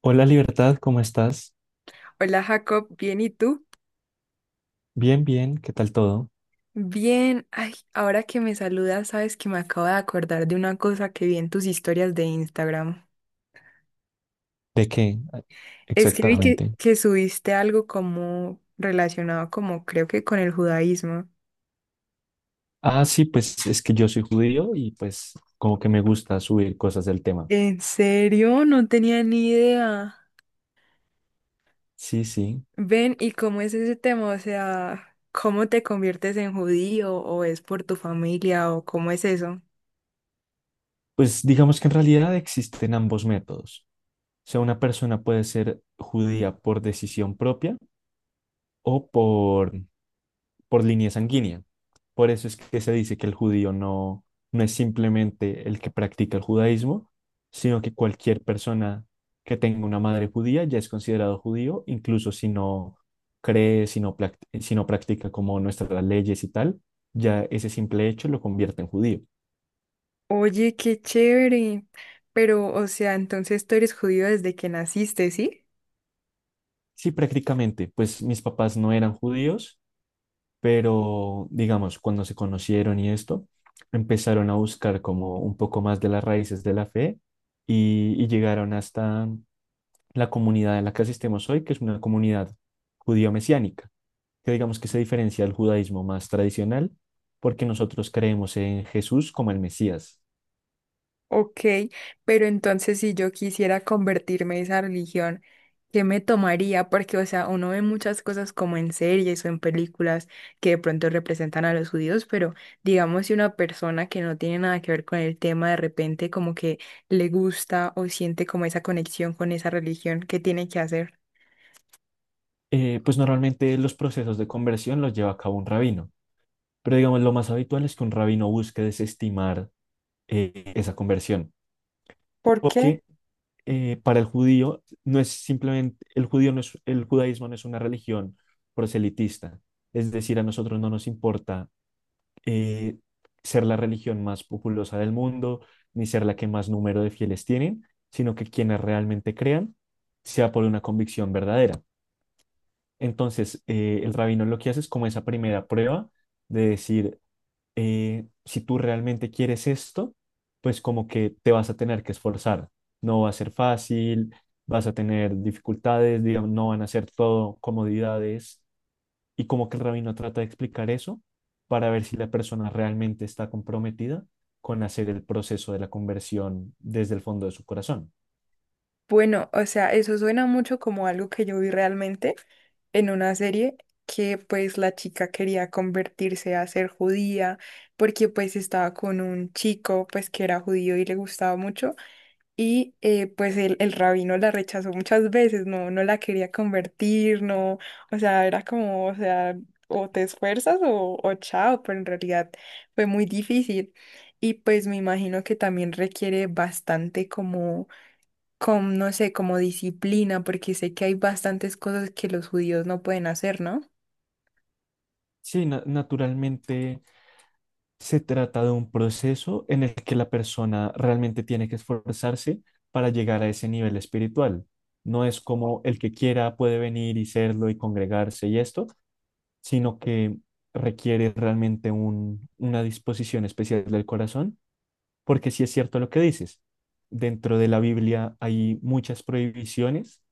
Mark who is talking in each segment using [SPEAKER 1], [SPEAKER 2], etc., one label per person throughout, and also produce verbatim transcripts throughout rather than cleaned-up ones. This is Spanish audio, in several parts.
[SPEAKER 1] Hola Libertad, ¿cómo estás?
[SPEAKER 2] Hola Jacob, bien, ¿y tú?
[SPEAKER 1] Bien, bien, ¿qué tal todo?
[SPEAKER 2] Bien, ay, ahora que me saludas, sabes que me acabo de acordar de una cosa que vi en tus historias de Instagram.
[SPEAKER 1] ¿De qué ah,
[SPEAKER 2] Es que vi que,
[SPEAKER 1] exactamente?
[SPEAKER 2] que subiste algo como relacionado como creo que con el judaísmo.
[SPEAKER 1] Ah, sí, pues es que yo soy judío y pues como que me gusta subir cosas del tema.
[SPEAKER 2] ¿En serio? No tenía ni idea.
[SPEAKER 1] Sí, sí.
[SPEAKER 2] Ven, ¿y cómo es ese tema? O sea, ¿cómo te conviertes en judío o es por tu familia o cómo es eso?
[SPEAKER 1] Pues digamos que en realidad existen ambos métodos. O sea, una persona puede ser judía por decisión propia o por por línea sanguínea. Por eso es que se dice que el judío no, no es simplemente el que practica el judaísmo, sino que cualquier persona que tenga una madre judía ya es considerado judío, incluso si no cree, si no, plac- si no practica como nuestras leyes y tal, ya ese simple hecho lo convierte en judío.
[SPEAKER 2] Oye, qué chévere. Pero, o sea, entonces tú eres judío desde que naciste, ¿sí?
[SPEAKER 1] Sí, prácticamente, pues mis papás no eran judíos, pero digamos, cuando se conocieron y esto, empezaron a buscar como un poco más de las raíces de la fe y, y llegaron hasta la comunidad en la que asistimos hoy, que es una comunidad judío-mesiánica, que digamos que se diferencia del judaísmo más tradicional porque nosotros creemos en Jesús como el Mesías.
[SPEAKER 2] Ok, pero entonces si yo quisiera convertirme a esa religión, ¿qué me tomaría? Porque, o sea, uno ve muchas cosas como en series o en películas que de pronto representan a los judíos, pero digamos si una persona que no tiene nada que ver con el tema de repente como que le gusta o siente como esa conexión con esa religión, ¿qué tiene que hacer?
[SPEAKER 1] Eh, pues normalmente los procesos de conversión los lleva a cabo un rabino, pero digamos lo más habitual es que un rabino busque desestimar eh, esa conversión,
[SPEAKER 2] ¿Por qué?
[SPEAKER 1] porque eh, para el judío no es simplemente, el judío no es, el judaísmo no es una religión proselitista. Es decir, a nosotros no nos importa eh, ser la religión más populosa del mundo, ni ser la que más número de fieles tienen, sino que quienes realmente crean sea por una convicción verdadera. Entonces, eh, el rabino lo que hace es como esa primera prueba de decir, eh, si tú realmente quieres esto, pues como que te vas a tener que esforzar. No va a ser fácil, vas a tener dificultades, digamos, no van a ser todo comodidades. Y como que el rabino trata de explicar eso para ver si la persona realmente está comprometida con hacer el proceso de la conversión desde el fondo de su corazón.
[SPEAKER 2] Bueno, o sea, eso suena mucho como algo que yo vi realmente en una serie que pues la chica quería convertirse a ser judía porque pues estaba con un chico pues que era judío y le gustaba mucho y eh, pues el, el rabino la rechazó muchas veces, no, no la quería convertir, no, o sea, era como, o sea, o te esfuerzas o, o chao, pero en realidad fue muy difícil y pues me imagino que también requiere bastante como con, no sé, como disciplina, porque sé que hay bastantes cosas que los judíos no pueden hacer, ¿no?
[SPEAKER 1] Sí, na- naturalmente. Se trata de un proceso en el que la persona realmente tiene que esforzarse para llegar a ese nivel espiritual. No es como el que quiera puede venir y serlo y congregarse y esto, sino que requiere realmente un- una disposición especial del corazón, porque sí es cierto lo que dices. Dentro de la Biblia hay muchas prohibiciones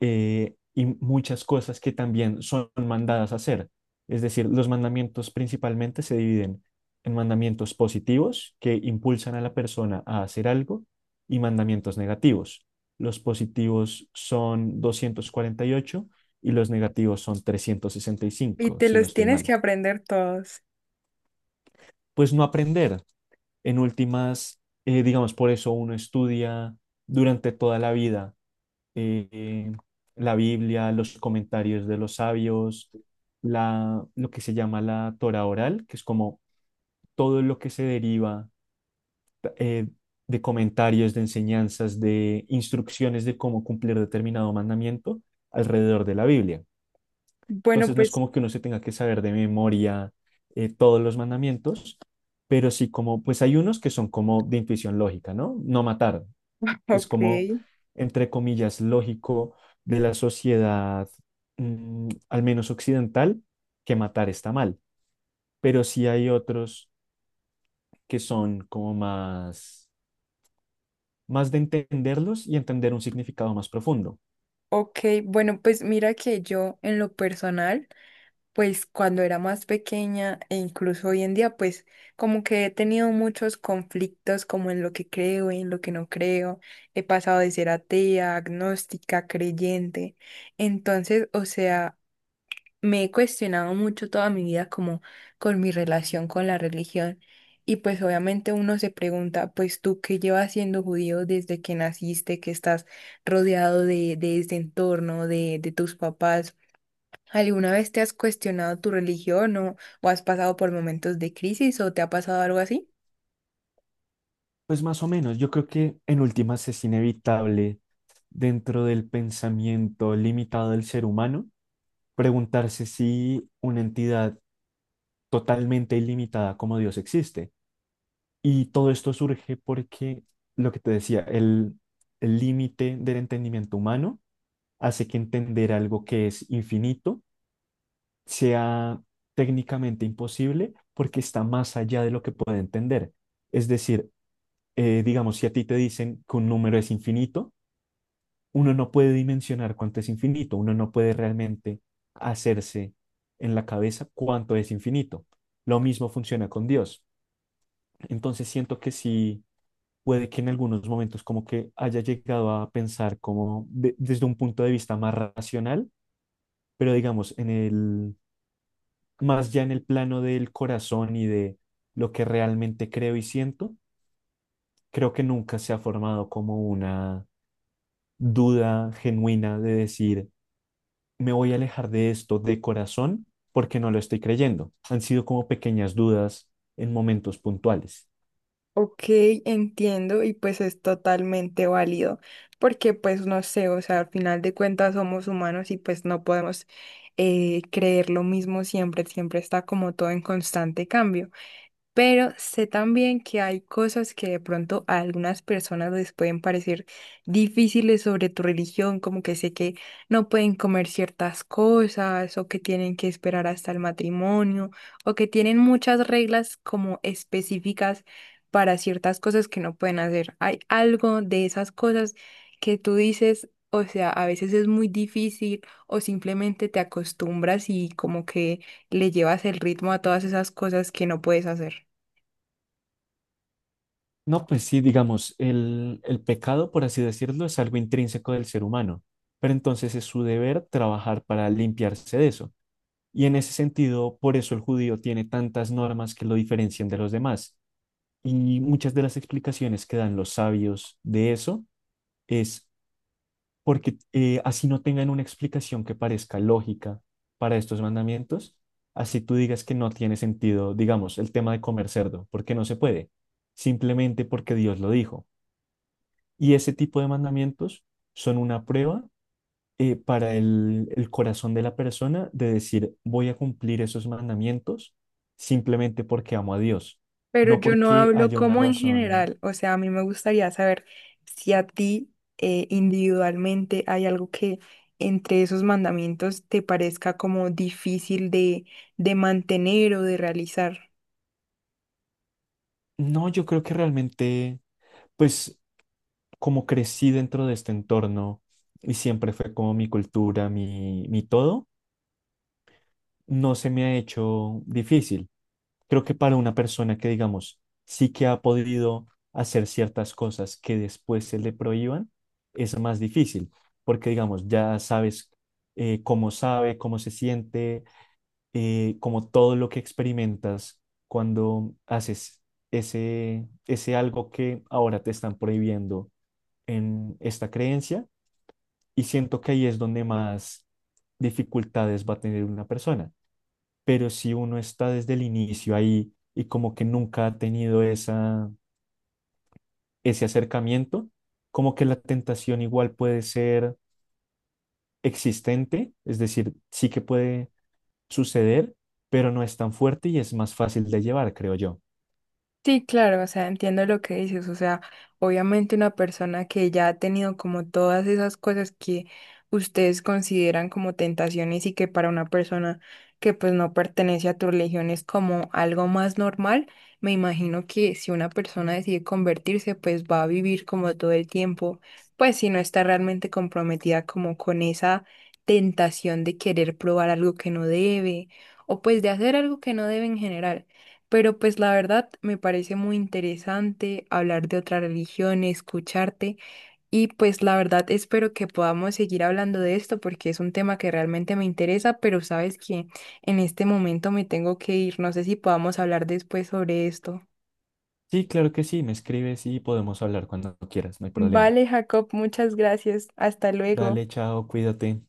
[SPEAKER 1] eh, y muchas cosas que también son mandadas a hacer. Es decir, los mandamientos principalmente se dividen en mandamientos positivos que impulsan a la persona a hacer algo y mandamientos negativos. Los positivos son doscientos cuarenta y ocho y los negativos son trescientos sesenta y
[SPEAKER 2] Y
[SPEAKER 1] cinco
[SPEAKER 2] te
[SPEAKER 1] si no
[SPEAKER 2] los
[SPEAKER 1] estoy
[SPEAKER 2] tienes
[SPEAKER 1] mal.
[SPEAKER 2] que aprender todos.
[SPEAKER 1] Pues no aprender. En últimas, eh, digamos, por eso uno estudia durante toda la vida eh, la Biblia, los comentarios de los sabios, la, lo que se llama la Torah oral, que es como todo lo que se deriva eh, de comentarios, de enseñanzas, de instrucciones de cómo cumplir determinado mandamiento alrededor de la Biblia.
[SPEAKER 2] Bueno,
[SPEAKER 1] Entonces no es
[SPEAKER 2] pues,
[SPEAKER 1] como que uno se tenga que saber de memoria eh, todos los mandamientos, pero sí como, pues hay unos que son como de intuición lógica, ¿no? No matar, es como,
[SPEAKER 2] ok,
[SPEAKER 1] entre comillas, lógico de la sociedad, mm, al menos occidental, que matar está mal. Pero sí hay otros que son como más, más de entenderlos y entender un significado más profundo.
[SPEAKER 2] ok, bueno, pues mira que yo en lo personal, pues cuando era más pequeña e incluso hoy en día, pues como que he tenido muchos conflictos como en lo que creo, en lo que no creo, he pasado de ser atea, agnóstica, creyente, entonces, o sea, me he cuestionado mucho toda mi vida como con mi relación con la religión y pues obviamente uno se pregunta, pues tú que llevas siendo judío desde que naciste, que estás rodeado de, de este entorno, de, de tus papás, ¿alguna vez te has cuestionado tu religión o, o has pasado por momentos de crisis o te ha pasado algo así?
[SPEAKER 1] Pues más o menos, yo creo que en últimas es inevitable dentro del pensamiento limitado del ser humano preguntarse si una entidad totalmente ilimitada como Dios existe. Y todo esto surge porque, lo que te decía, el el límite del entendimiento humano hace que entender algo que es infinito sea técnicamente imposible porque está más allá de lo que puede entender. Es decir, eh, digamos, si a ti te dicen que un número es infinito, uno no puede dimensionar cuánto es infinito, uno no puede realmente hacerse en la cabeza cuánto es infinito. Lo mismo funciona con Dios. Entonces siento que sí, puede que en algunos momentos como que haya llegado a pensar como de- desde un punto de vista más racional, pero digamos, en el, más ya en el plano del corazón y de lo que realmente creo y siento, creo que nunca se ha formado como una duda genuina de decir, me voy a alejar de esto de corazón porque no lo estoy creyendo. Han sido como pequeñas dudas en momentos puntuales.
[SPEAKER 2] Ok, entiendo y pues es totalmente válido porque pues no sé, o sea, al final de cuentas somos humanos y pues no podemos eh, creer lo mismo siempre, siempre está como todo en constante cambio. Pero sé también que hay cosas que de pronto a algunas personas les pueden parecer difíciles sobre tu religión, como que sé que no pueden comer ciertas cosas o que tienen que esperar hasta el matrimonio o que tienen muchas reglas como específicas para ciertas cosas que no pueden hacer. Hay algo de esas cosas que tú dices, o sea, a veces es muy difícil o simplemente te acostumbras y como que le llevas el ritmo a todas esas cosas que no puedes hacer.
[SPEAKER 1] No, pues sí, digamos, el, el pecado, por así decirlo, es algo intrínseco del ser humano, pero entonces es su deber trabajar para limpiarse de eso. Y en ese sentido, por eso el judío tiene tantas normas que lo diferencian de los demás. Y muchas de las explicaciones que dan los sabios de eso es porque, eh, así no tengan una explicación que parezca lógica para estos mandamientos, así tú digas que no tiene sentido, digamos, el tema de comer cerdo, porque no se puede, simplemente porque Dios lo dijo. Y ese tipo de mandamientos son una prueba eh, para el, el corazón de la persona de decir, voy a cumplir esos mandamientos simplemente porque amo a Dios,
[SPEAKER 2] Pero
[SPEAKER 1] no
[SPEAKER 2] yo no
[SPEAKER 1] porque
[SPEAKER 2] hablo
[SPEAKER 1] haya una
[SPEAKER 2] como en
[SPEAKER 1] razón.
[SPEAKER 2] general, o sea, a mí me gustaría saber si a ti eh, individualmente hay algo que entre esos mandamientos te parezca como difícil de, de mantener o de realizar.
[SPEAKER 1] No, yo creo que realmente, pues como crecí dentro de este entorno y siempre fue como mi cultura, mi, mi todo, no se me ha hecho difícil. Creo que para una persona que, digamos, sí que ha podido hacer ciertas cosas que después se le prohíban, es más difícil, porque, digamos, ya sabes eh, cómo sabe, cómo se siente, eh, como todo lo que experimentas cuando haces ese, ese algo que ahora te están prohibiendo en esta creencia. Y siento que ahí es donde más dificultades va a tener una persona, pero si uno está desde el inicio ahí y como que nunca ha tenido esa, ese acercamiento, como que la tentación igual puede ser existente, es decir, sí que puede suceder, pero no es tan fuerte y es más fácil de llevar, creo yo.
[SPEAKER 2] Sí, claro, o sea, entiendo lo que dices, o sea, obviamente una persona que ya ha tenido como todas esas cosas que ustedes consideran como tentaciones y que para una persona que pues no pertenece a tu religión es como algo más normal, me imagino que si una persona decide convertirse, pues va a vivir como todo el tiempo, pues si no está realmente comprometida como con esa tentación de querer probar algo que no debe o pues de hacer algo que no debe en general. Pero pues la verdad me parece muy interesante hablar de otra religión, escucharte y pues la verdad espero que podamos seguir hablando de esto porque es un tema que realmente me interesa, pero sabes que en este momento me tengo que ir. No sé si podamos hablar después sobre esto.
[SPEAKER 1] Sí, claro que sí, me escribes y podemos hablar cuando quieras, no hay problema.
[SPEAKER 2] Vale, Jacob, muchas gracias. Hasta
[SPEAKER 1] Dale,
[SPEAKER 2] luego.
[SPEAKER 1] chao, cuídate.